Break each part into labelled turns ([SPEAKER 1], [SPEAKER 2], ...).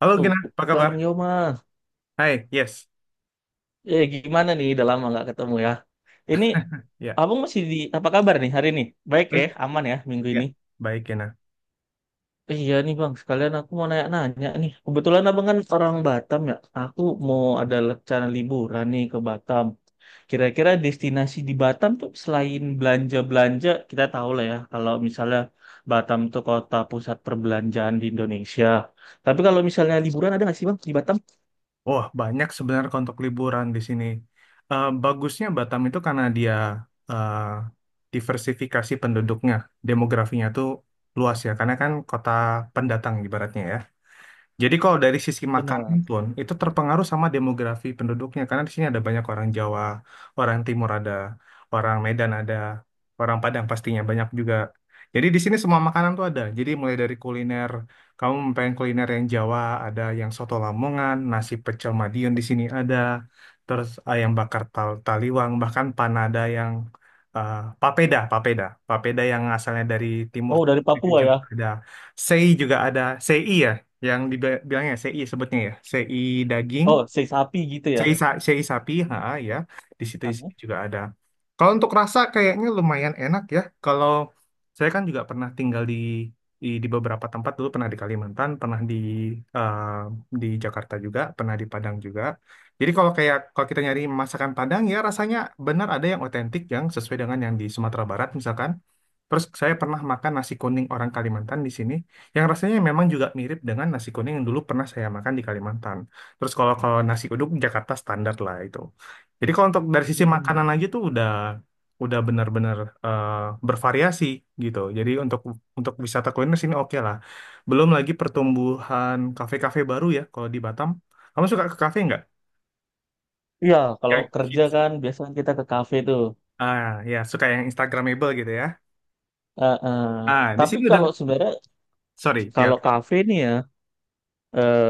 [SPEAKER 1] Halo Gina,
[SPEAKER 2] Tuh,
[SPEAKER 1] apa kabar?
[SPEAKER 2] Bang Yoma.
[SPEAKER 1] Hai, yes.
[SPEAKER 2] Gimana nih? Udah lama nggak ketemu ya. Ini,
[SPEAKER 1] Ya,
[SPEAKER 2] abang masih di, apa kabar nih hari ini? Baik ya,
[SPEAKER 1] baik.
[SPEAKER 2] aman ya minggu
[SPEAKER 1] Ya,
[SPEAKER 2] ini.
[SPEAKER 1] baik Gina.
[SPEAKER 2] Iya nih Bang, sekalian aku mau nanya-nanya nih. Kebetulan abang kan orang Batam ya. Aku mau ada rencana liburan nih ke Batam. Kira-kira destinasi di Batam tuh selain belanja-belanja, kita tahu lah ya. Kalau misalnya Batam tuh kota pusat perbelanjaan di Indonesia. Tapi kalau misalnya liburan ada nggak sih Bang di Batam?
[SPEAKER 1] Wah, banyak sebenarnya untuk liburan di sini. Bagusnya Batam itu karena dia eh, diversifikasi penduduknya, demografinya tuh luas ya, karena kan kota pendatang ibaratnya ya. Jadi kalau dari sisi makanan
[SPEAKER 2] Benar.
[SPEAKER 1] pun itu terpengaruh sama demografi penduduknya karena di sini ada banyak orang Jawa, orang Timur ada, orang Medan ada, orang Padang pastinya banyak juga. Jadi di sini semua makanan tuh ada. Jadi mulai dari kuliner, kamu pengen kuliner yang Jawa ada, yang soto Lamongan, nasi pecel Madiun di sini ada, terus ayam bakar Taliwang, bahkan panada yang eh, papeda, papeda, papeda yang asalnya dari timur
[SPEAKER 2] Oh, dari Papua ya.
[SPEAKER 1] juga ada. Sei juga ada, sei ya yang dibilangnya CI, sebutnya ya CI daging,
[SPEAKER 2] Oh, si sapi gitu ya.
[SPEAKER 1] CI, CI sapi, ha ya, di situ,
[SPEAKER 2] Heeh.
[SPEAKER 1] juga ada. Kalau untuk rasa kayaknya lumayan enak ya, kalau saya kan juga pernah tinggal di di beberapa tempat dulu, pernah di Kalimantan, pernah di eh, di Jakarta juga, pernah di Padang juga. Jadi kalau kayak kalau kita nyari masakan Padang ya rasanya benar ada yang otentik yang sesuai dengan yang di Sumatera Barat misalkan. Terus saya pernah makan nasi kuning orang Kalimantan di sini, yang rasanya memang juga mirip dengan nasi kuning yang dulu pernah saya makan di Kalimantan. Terus kalau kalau nasi uduk Jakarta standar lah itu. Jadi kalau untuk dari sisi
[SPEAKER 2] Mm-mm.
[SPEAKER 1] makanan aja tuh udah benar-benar eh, bervariasi gitu. Jadi untuk wisata kuliner sini oke lah. Belum lagi pertumbuhan kafe-kafe baru ya kalau di Batam. Kamu suka ke kafe nggak?
[SPEAKER 2] Iya, kalau
[SPEAKER 1] Yang
[SPEAKER 2] kerja
[SPEAKER 1] hits.
[SPEAKER 2] kan biasanya kita ke kafe tuh.
[SPEAKER 1] Ah, ya, suka yang Instagramable gitu ya.
[SPEAKER 2] Eh, eh.
[SPEAKER 1] Ah, di
[SPEAKER 2] Tapi
[SPEAKER 1] sini udah,
[SPEAKER 2] kalau sebenarnya
[SPEAKER 1] sorry ya.
[SPEAKER 2] kalau kafe nih ya eh,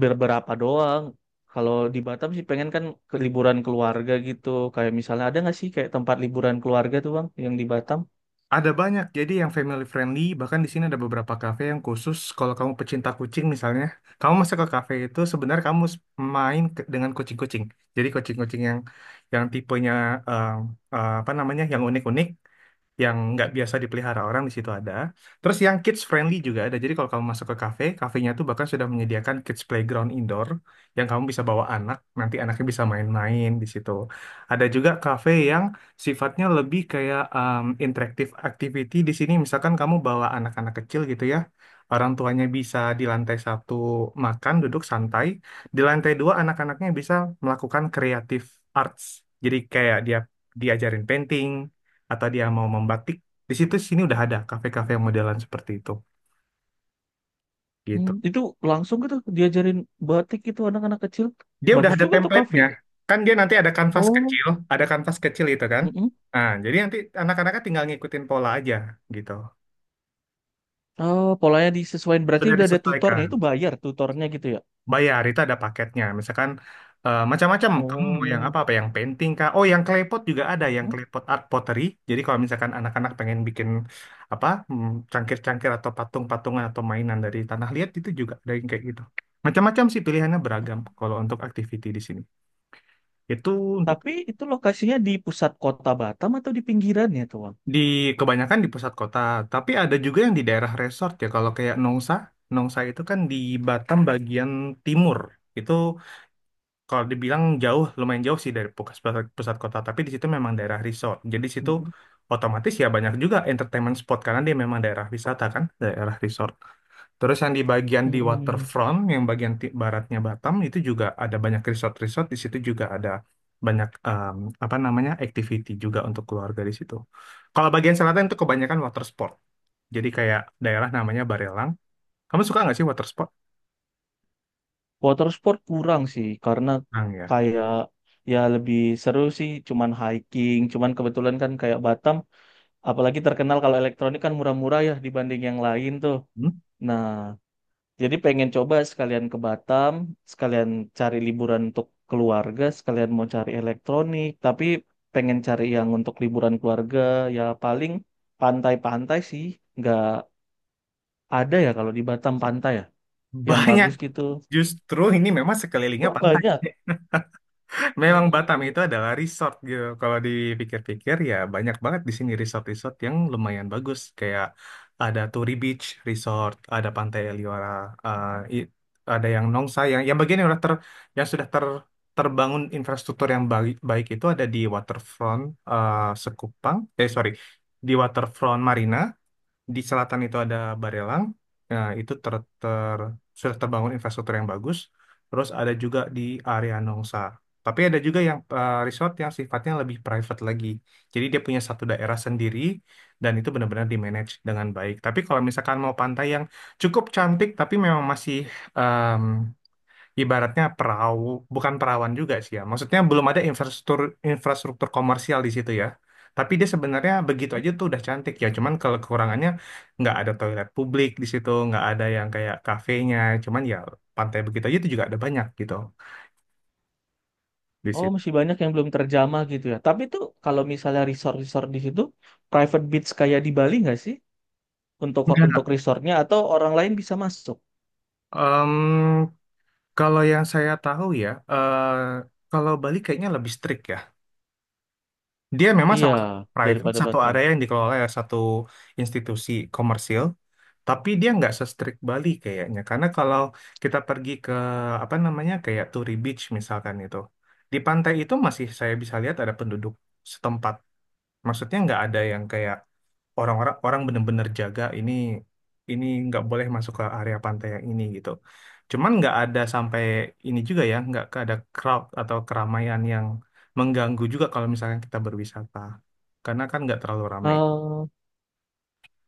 [SPEAKER 2] beberapa doang. Kalau di Batam sih pengen kan ke liburan keluarga gitu. Kayak misalnya ada nggak sih kayak tempat liburan keluarga tuh bang yang di Batam?
[SPEAKER 1] Ada banyak, jadi yang family friendly, bahkan di sini ada beberapa kafe yang khusus kalau kamu pecinta kucing misalnya, kamu masuk ke kafe itu sebenarnya kamu main dengan kucing-kucing. Jadi kucing-kucing yang tipenya eh, apa namanya, yang unik-unik yang nggak biasa dipelihara orang di situ ada. Terus yang kids friendly juga ada. Jadi kalau kamu masuk ke kafe, kafenya tuh bahkan sudah menyediakan kids playground indoor yang kamu bisa bawa anak, nanti anaknya bisa main-main di situ. Ada juga kafe yang sifatnya lebih kayak interactive activity di sini. Misalkan kamu bawa anak-anak kecil gitu ya. Orang tuanya bisa di lantai satu makan, duduk santai. Di lantai dua anak-anaknya bisa melakukan kreatif arts. Jadi kayak dia diajarin painting, atau dia mau membatik di situ. Sini udah ada kafe-kafe yang modelan seperti itu gitu.
[SPEAKER 2] Hmm, itu langsung gitu diajarin batik gitu anak-anak kecil.
[SPEAKER 1] Dia udah
[SPEAKER 2] Bagus
[SPEAKER 1] ada
[SPEAKER 2] juga tuh kafe.
[SPEAKER 1] template-nya kan, dia nanti ada kanvas
[SPEAKER 2] Oh,
[SPEAKER 1] kecil, itu kan,
[SPEAKER 2] mm-mm.
[SPEAKER 1] nah jadi nanti anak-anaknya tinggal ngikutin pola aja gitu.
[SPEAKER 2] Oh, polanya disesuaikan berarti
[SPEAKER 1] Sudah
[SPEAKER 2] udah ada tutornya
[SPEAKER 1] disesuaikan,
[SPEAKER 2] itu bayar tutornya gitu ya.
[SPEAKER 1] bayar itu ada paketnya, misalkan macam-macam, kamu mau yang
[SPEAKER 2] Oh.
[SPEAKER 1] apa apa yang painting kah, oh yang klepot juga ada, yang
[SPEAKER 2] Mhm.
[SPEAKER 1] klepot art pottery. Jadi kalau misalkan anak-anak pengen bikin apa cangkir-cangkir atau patung-patungan atau mainan dari tanah liat itu juga ada yang kayak gitu. Macam-macam sih pilihannya, beragam kalau untuk activity di sini itu untuk
[SPEAKER 2] Tapi itu lokasinya di pusat kota Batam atau di pinggirannya tuh, Bang?
[SPEAKER 1] di kebanyakan di pusat kota, tapi ada juga yang di daerah resort ya kalau kayak Nongsa. Itu kan di Batam bagian timur itu. Kalau dibilang jauh, lumayan jauh sih dari pusat, kota, tapi di situ memang daerah resort. Jadi situ
[SPEAKER 2] Mhm.
[SPEAKER 1] otomatis ya banyak juga entertainment spot karena dia memang daerah wisata kan, daerah resort. Terus yang di bagian di
[SPEAKER 2] Mhm.
[SPEAKER 1] waterfront, yang bagian baratnya Batam itu juga ada banyak resort-resort. Di situ juga ada banyak apa namanya, activity juga untuk keluarga di situ. Kalau bagian selatan itu kebanyakan water sport. Jadi kayak daerah namanya Barelang. Kamu suka nggak sih water sport?
[SPEAKER 2] Water sport kurang sih karena
[SPEAKER 1] Nah, ya.
[SPEAKER 2] kayak ya lebih seru sih cuman hiking, cuman kebetulan kan kayak Batam apalagi terkenal kalau elektronik kan murah-murah ya dibanding yang lain tuh.
[SPEAKER 1] Hmm?
[SPEAKER 2] Nah, jadi pengen coba sekalian ke Batam, sekalian cari liburan untuk keluarga, sekalian mau cari elektronik, tapi pengen cari yang untuk liburan keluarga, ya paling pantai-pantai sih, nggak ada ya kalau di Batam pantai ya, yang
[SPEAKER 1] Banyak.
[SPEAKER 2] bagus gitu.
[SPEAKER 1] Justru ini memang sekelilingnya
[SPEAKER 2] Oh,
[SPEAKER 1] pantai.
[SPEAKER 2] banyak.
[SPEAKER 1] Memang Batam
[SPEAKER 2] Mm-mm.
[SPEAKER 1] itu adalah resort gitu. Kalau dipikir-pikir ya banyak banget di sini resort-resort yang lumayan bagus. Kayak ada Turi Beach Resort, ada Pantai Liora, eh, i- ada yang Nongsa, yang bagian yang sudah ter terbangun infrastruktur yang baik, baik itu ada di Waterfront, eh, Sekupang. Eh, sorry, di Waterfront Marina, di selatan itu ada Barelang. Nah, itu ter, ter, sudah terbangun infrastruktur yang bagus. Terus ada juga di area Nongsa. Tapi ada juga yang resort yang sifatnya lebih private lagi. Jadi dia punya satu daerah sendiri dan itu benar-benar di-manage dengan baik. Tapi kalau misalkan mau pantai yang cukup cantik tapi memang masih ibaratnya perahu, bukan perawan juga sih ya. Maksudnya belum ada infrastruktur infrastruktur komersial di situ ya. Tapi dia sebenarnya begitu
[SPEAKER 2] Mm-mm.
[SPEAKER 1] aja tuh udah cantik ya. Cuman kalau kekurangannya nggak ada toilet publik di situ, nggak ada yang kayak kafenya. Cuman ya pantai begitu aja itu juga ada banyak gitu di
[SPEAKER 2] Oh,
[SPEAKER 1] situ.
[SPEAKER 2] masih banyak yang belum terjamah gitu ya. Tapi tuh kalau misalnya resort-resort di situ, private beach kayak di Bali nggak sih? Untuk
[SPEAKER 1] Enggak.
[SPEAKER 2] resortnya atau orang lain bisa masuk?
[SPEAKER 1] Em, kalau yang saya tahu ya, kalau Bali kayaknya lebih strict. Dia memang
[SPEAKER 2] Iya,
[SPEAKER 1] sama private
[SPEAKER 2] daripada
[SPEAKER 1] satu
[SPEAKER 2] Batam.
[SPEAKER 1] area yang dikelola oleh satu institusi komersil, tapi dia nggak se-strict Bali kayaknya. Karena kalau kita pergi ke apa namanya kayak Turi Beach misalkan itu, di pantai itu masih saya bisa lihat ada penduduk setempat. Maksudnya nggak ada yang kayak orang-orang orang bener-bener jaga ini, nggak boleh masuk ke area pantai yang ini gitu. Cuman nggak ada sampai ini juga ya, nggak ada crowd atau keramaian yang mengganggu juga kalau misalkan kita berwisata. Karena kan nggak terlalu ramai.
[SPEAKER 2] Oh,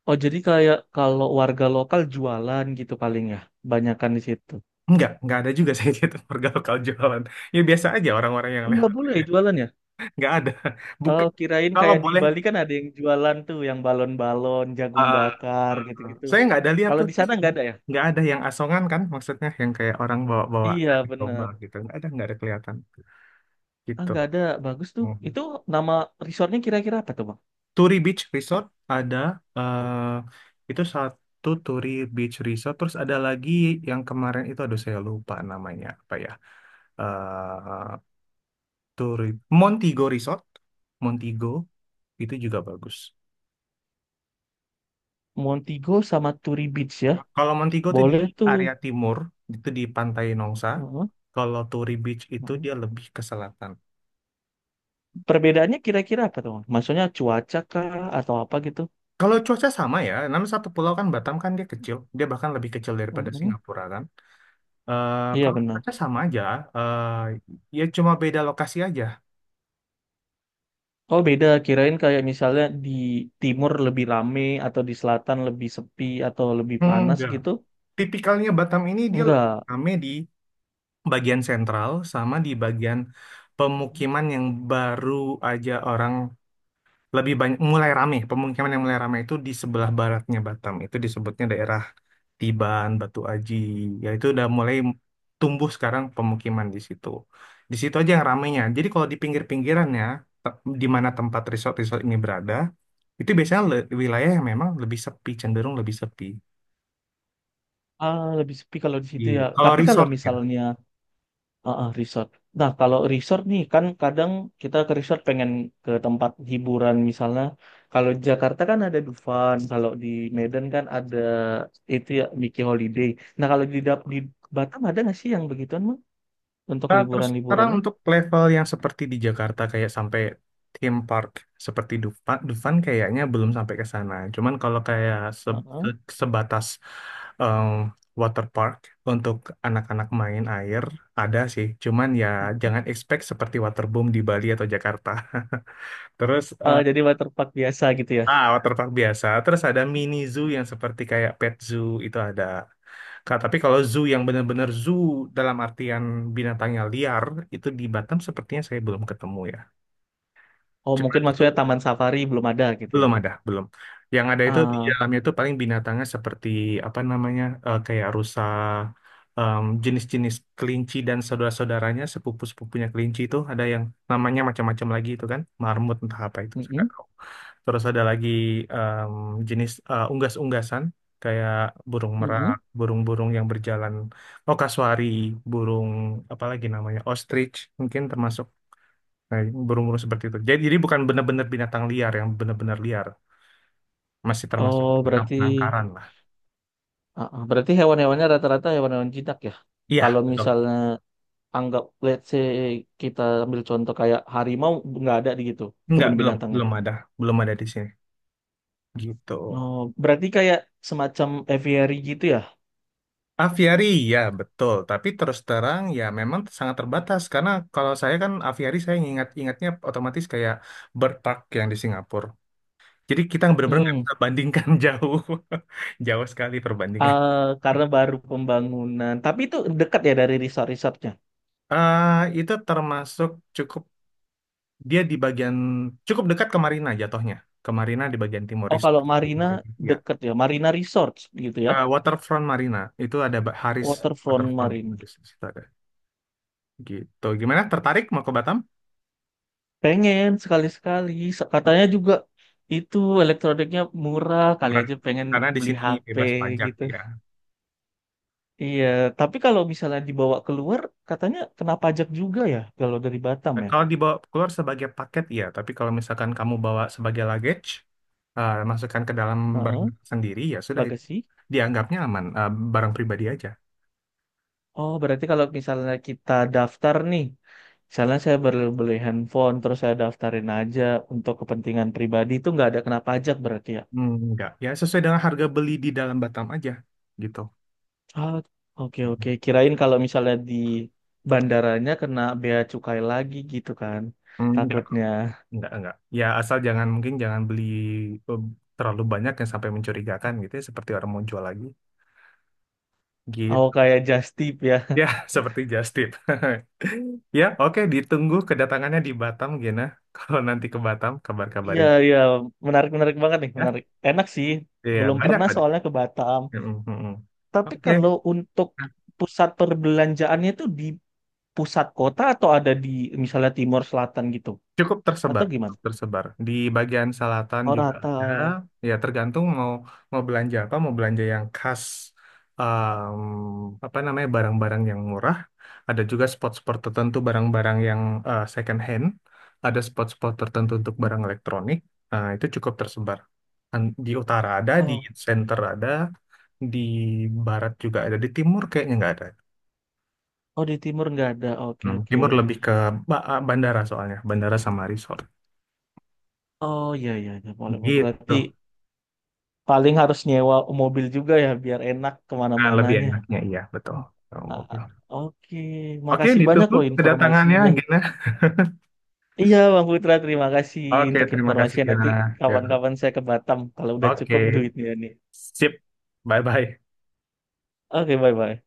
[SPEAKER 2] oh jadi kayak kalau warga lokal jualan gitu paling ya, banyakan di situ.
[SPEAKER 1] Nggak ada juga saya gitu warga lokal jualan. Ya biasa aja orang-orang yang
[SPEAKER 2] Oh, nggak
[SPEAKER 1] lewat
[SPEAKER 2] boleh
[SPEAKER 1] aja.
[SPEAKER 2] ya jualan ya?
[SPEAKER 1] Nggak ada.
[SPEAKER 2] Oh,
[SPEAKER 1] Bukan,
[SPEAKER 2] kirain
[SPEAKER 1] kalau
[SPEAKER 2] kayak di
[SPEAKER 1] boleh.
[SPEAKER 2] Bali kan ada yang jualan tuh, yang balon-balon, jagung
[SPEAKER 1] Ah,
[SPEAKER 2] bakar
[SPEAKER 1] ah,
[SPEAKER 2] gitu-gitu.
[SPEAKER 1] saya nggak ada lihat
[SPEAKER 2] Kalau
[SPEAKER 1] tuh
[SPEAKER 2] di
[SPEAKER 1] di
[SPEAKER 2] sana
[SPEAKER 1] sini.
[SPEAKER 2] nggak ada ya?
[SPEAKER 1] Nggak ada yang asongan kan, maksudnya yang kayak orang bawa-bawa dari
[SPEAKER 2] Iya
[SPEAKER 1] domba
[SPEAKER 2] bener.
[SPEAKER 1] gitu. Nggak ada kelihatan
[SPEAKER 2] Ah
[SPEAKER 1] gitu.
[SPEAKER 2] nggak ada, bagus tuh.
[SPEAKER 1] Hmm.
[SPEAKER 2] Itu nama resortnya kira-kira apa tuh bang?
[SPEAKER 1] Turi Beach Resort ada, eh itu satu Turi Beach Resort. Terus ada lagi yang kemarin itu, aduh saya lupa namanya apa ya. eh Turi Montigo Resort, Montigo itu juga bagus.
[SPEAKER 2] Montego sama Turi Beach ya?
[SPEAKER 1] Kalau Montego itu di
[SPEAKER 2] Boleh tuh.
[SPEAKER 1] area timur, itu di Pantai Nongsa.
[SPEAKER 2] Heeh,
[SPEAKER 1] Kalau Turi Beach itu
[SPEAKER 2] heeh.
[SPEAKER 1] dia lebih ke selatan.
[SPEAKER 2] Perbedaannya kira-kira apa tuh bang? Maksudnya cuaca kah atau apa gitu?
[SPEAKER 1] Kalau cuaca sama ya, namanya satu pulau kan Batam, kan dia kecil, dia bahkan lebih kecil daripada
[SPEAKER 2] Heeh.
[SPEAKER 1] Singapura kan.
[SPEAKER 2] Iya
[SPEAKER 1] Kalau
[SPEAKER 2] bener.
[SPEAKER 1] cuaca sama aja, eh ya cuma beda lokasi aja.
[SPEAKER 2] Oh beda, kirain kayak misalnya di timur lebih rame atau di selatan lebih sepi atau lebih panas
[SPEAKER 1] Enggak.
[SPEAKER 2] gitu.
[SPEAKER 1] Tipikalnya Batam ini dia lebih
[SPEAKER 2] Enggak.
[SPEAKER 1] rame di bagian sentral sama di bagian pemukiman yang baru aja, orang lebih banyak mulai rame. Pemukiman yang mulai rame itu di sebelah baratnya Batam itu disebutnya daerah Tiban Batu Aji ya. Itu udah mulai tumbuh sekarang pemukiman di situ, aja yang ramenya. Jadi kalau di pinggir-pinggirannya, di mana tempat resort-resort ini berada, itu biasanya wilayah yang memang lebih sepi, cenderung lebih sepi.
[SPEAKER 2] Ah, lebih sepi kalau di situ
[SPEAKER 1] Iya,
[SPEAKER 2] ya.
[SPEAKER 1] kalau
[SPEAKER 2] Tapi kalau
[SPEAKER 1] resort ya.
[SPEAKER 2] misalnya ah, ah, resort. Nah, kalau resort nih kan kadang kita ke resort pengen ke tempat hiburan misalnya. Kalau di Jakarta kan ada Dufan, kalau di Medan kan ada itu ya Mickey Holiday. Nah, kalau di Dap- di Batam ada nggak sih yang begituan, Mang? Untuk
[SPEAKER 1] Nah, terus sekarang
[SPEAKER 2] liburan-liburannya?
[SPEAKER 1] untuk level yang seperti di Jakarta kayak sampai theme park seperti Dufan, kayaknya belum sampai ke sana. Cuman kalau kayak
[SPEAKER 2] Heeh.
[SPEAKER 1] sebatas em, water park untuk anak-anak main air ada sih. Cuman ya
[SPEAKER 2] Mhm.
[SPEAKER 1] jangan expect seperti waterboom di Bali atau Jakarta. Terus
[SPEAKER 2] Ah, jadi waterpark biasa gitu ya.
[SPEAKER 1] ah, water park biasa. Terus ada mini zoo yang seperti kayak pet zoo itu ada. Kak, tapi kalau zoo yang benar-benar zoo dalam artian binatangnya liar, itu di Batam sepertinya saya belum ketemu ya.
[SPEAKER 2] Oh, mungkin
[SPEAKER 1] Cuman
[SPEAKER 2] maksudnya
[SPEAKER 1] bel-
[SPEAKER 2] taman safari belum ada gitu ya.
[SPEAKER 1] belum ada, belum. Yang ada itu di
[SPEAKER 2] Ah,
[SPEAKER 1] dalamnya itu paling binatangnya seperti apa namanya, kayak rusa, jenis-jenis kelinci dan saudara-saudaranya, sepupu-sepupunya kelinci itu ada yang namanya macam-macam lagi itu kan, marmut entah apa itu, saya nggak
[SPEAKER 2] mm-mm,
[SPEAKER 1] tahu. Terus ada lagi em, jenis unggas-unggasan kayak burung
[SPEAKER 2] mm-mm.
[SPEAKER 1] merak, burung-burung yang berjalan, oh kasuari, burung apa lagi namanya, ostrich mungkin termasuk burung-burung seperti itu. Jadi bukan benar-benar binatang liar yang benar-benar liar, masih termasuk
[SPEAKER 2] Oh,
[SPEAKER 1] binatang
[SPEAKER 2] berarti
[SPEAKER 1] penangkaran lah.
[SPEAKER 2] ah, ah, berarti hewan-hewannya rata-rata hewan-hewan jinak ya.
[SPEAKER 1] Iya,
[SPEAKER 2] Kalau
[SPEAKER 1] betul.
[SPEAKER 2] misalnya anggap let's say kita ambil contoh kayak harimau nggak ada di gitu
[SPEAKER 1] Enggak,
[SPEAKER 2] kebun binatangnya.
[SPEAKER 1] belum ada, belum ada di sini. Gitu.
[SPEAKER 2] Oh, berarti kayak semacam aviary gitu ya.
[SPEAKER 1] Aviari, ya betul. Tapi terus terang ya memang sangat terbatas karena kalau saya kan aviari saya ingat-ingatnya otomatis kayak bird park yang di Singapura. Jadi kita benar-benar nggak
[SPEAKER 2] Mm-mm.
[SPEAKER 1] bisa bandingkan jauh, jauh sekali perbandingan.
[SPEAKER 2] Ah, karena baru pembangunan. Tapi itu dekat ya dari resort-resortnya.
[SPEAKER 1] Itu termasuk cukup, dia di bagian cukup dekat ke Marina jatuhnya. Ke Marina di bagian timur
[SPEAKER 2] Oh,
[SPEAKER 1] Resort.
[SPEAKER 2] kalau Marina
[SPEAKER 1] Ya.
[SPEAKER 2] dekat ya. Marina Resort gitu ya.
[SPEAKER 1] Waterfront Marina itu ada Haris
[SPEAKER 2] Waterfront
[SPEAKER 1] Waterfront.
[SPEAKER 2] Marina.
[SPEAKER 1] Haris, di situ ada. Gitu. Gimana? Tertarik mau ke Batam?
[SPEAKER 2] Pengen sekali-sekali. Se- Katanya juga itu elektroniknya murah. Kali
[SPEAKER 1] Ber-
[SPEAKER 2] aja pengen
[SPEAKER 1] Karena di
[SPEAKER 2] beli
[SPEAKER 1] sini
[SPEAKER 2] HP
[SPEAKER 1] bebas pajak
[SPEAKER 2] gitu.
[SPEAKER 1] ya.
[SPEAKER 2] Iya, tapi kalau misalnya dibawa keluar, katanya kena pajak juga ya kalau dari Batam
[SPEAKER 1] Nah,
[SPEAKER 2] ya.
[SPEAKER 1] kalau dibawa keluar sebagai paket ya, tapi kalau misalkan kamu bawa sebagai luggage, masukkan ke dalam barang
[SPEAKER 2] Heeh,
[SPEAKER 1] sendiri ya sudah itu
[SPEAKER 2] bagasi.
[SPEAKER 1] dianggapnya aman, barang pribadi aja.
[SPEAKER 2] Oh, berarti kalau misalnya kita daftar nih, misalnya saya baru beli handphone, terus saya daftarin aja untuk kepentingan pribadi itu nggak ada kena pajak berarti ya.
[SPEAKER 1] Hmm, enggak, ya sesuai dengan harga beli di dalam Batam aja gitu.
[SPEAKER 2] Ah, oke oke. Kirain kalau misalnya di bandaranya kena bea cukai lagi gitu kan.
[SPEAKER 1] Hmm,
[SPEAKER 2] Takutnya.
[SPEAKER 1] enggak, enggak. Ya asal jangan, mungkin jangan beli eh, terlalu banyak yang sampai mencurigakan gitu ya, seperti orang mau jual lagi
[SPEAKER 2] Oh,
[SPEAKER 1] gitu.
[SPEAKER 2] kayak just tip ya.
[SPEAKER 1] Ya, seperti just tip. Ya, oke, ditunggu kedatangannya di Batam, Gina. Kalau nanti ke Batam,
[SPEAKER 2] Iya,
[SPEAKER 1] kabar-kabarin.
[SPEAKER 2] iya. Menarik-menarik banget nih,
[SPEAKER 1] Ya,
[SPEAKER 2] menarik. Enak sih.
[SPEAKER 1] iya,
[SPEAKER 2] Belum
[SPEAKER 1] banyak
[SPEAKER 2] pernah
[SPEAKER 1] tadi.
[SPEAKER 2] soalnya ke Batam.
[SPEAKER 1] Mm, mm, mm.
[SPEAKER 2] Tapi
[SPEAKER 1] Oke,
[SPEAKER 2] kalau untuk pusat perbelanjaannya itu di pusat kota atau ada di misalnya timur selatan gitu?
[SPEAKER 1] cukup
[SPEAKER 2] Atau
[SPEAKER 1] tersebar,
[SPEAKER 2] gimana?
[SPEAKER 1] cukup tersebar. Di bagian selatan
[SPEAKER 2] Oh,
[SPEAKER 1] juga ada.
[SPEAKER 2] rata.
[SPEAKER 1] Ya, tergantung mau mau belanja apa, mau belanja yang khas, em, apa namanya, barang-barang yang murah. Ada juga spot-spot tertentu barang-barang yang second hand. Ada spot-spot tertentu untuk barang elektronik. Nah, itu cukup tersebar. Di utara ada, di
[SPEAKER 2] Oh,
[SPEAKER 1] center ada, di barat juga ada, di timur kayaknya nggak ada.
[SPEAKER 2] oh di timur nggak ada. Oke,
[SPEAKER 1] Hmm.
[SPEAKER 2] oke.
[SPEAKER 1] Timur lebih ke ah, bandara soalnya, bandara sama resort.
[SPEAKER 2] Oh, iya, iya, iya. Boleh. Berarti
[SPEAKER 1] Gitu.
[SPEAKER 2] paling harus nyewa mobil juga ya biar enak
[SPEAKER 1] Nah, lebih
[SPEAKER 2] kemana-mananya.
[SPEAKER 1] enaknya iya, betul. Sama
[SPEAKER 2] Ah,
[SPEAKER 1] mobil.
[SPEAKER 2] oke,
[SPEAKER 1] Oke,
[SPEAKER 2] makasih banyak
[SPEAKER 1] ditunggu
[SPEAKER 2] loh
[SPEAKER 1] kedatangannya,
[SPEAKER 2] informasinya.
[SPEAKER 1] Gina.
[SPEAKER 2] Iya Bang Putra, terima kasih
[SPEAKER 1] Oke,
[SPEAKER 2] untuk
[SPEAKER 1] terima kasih,
[SPEAKER 2] informasinya.
[SPEAKER 1] Gina.
[SPEAKER 2] Nanti
[SPEAKER 1] Ya.
[SPEAKER 2] kawan-kawan saya ke Batam kalau udah cukup
[SPEAKER 1] Oke,
[SPEAKER 2] duitnya nih.
[SPEAKER 1] sip. Bye-bye.
[SPEAKER 2] Oke, bye-bye.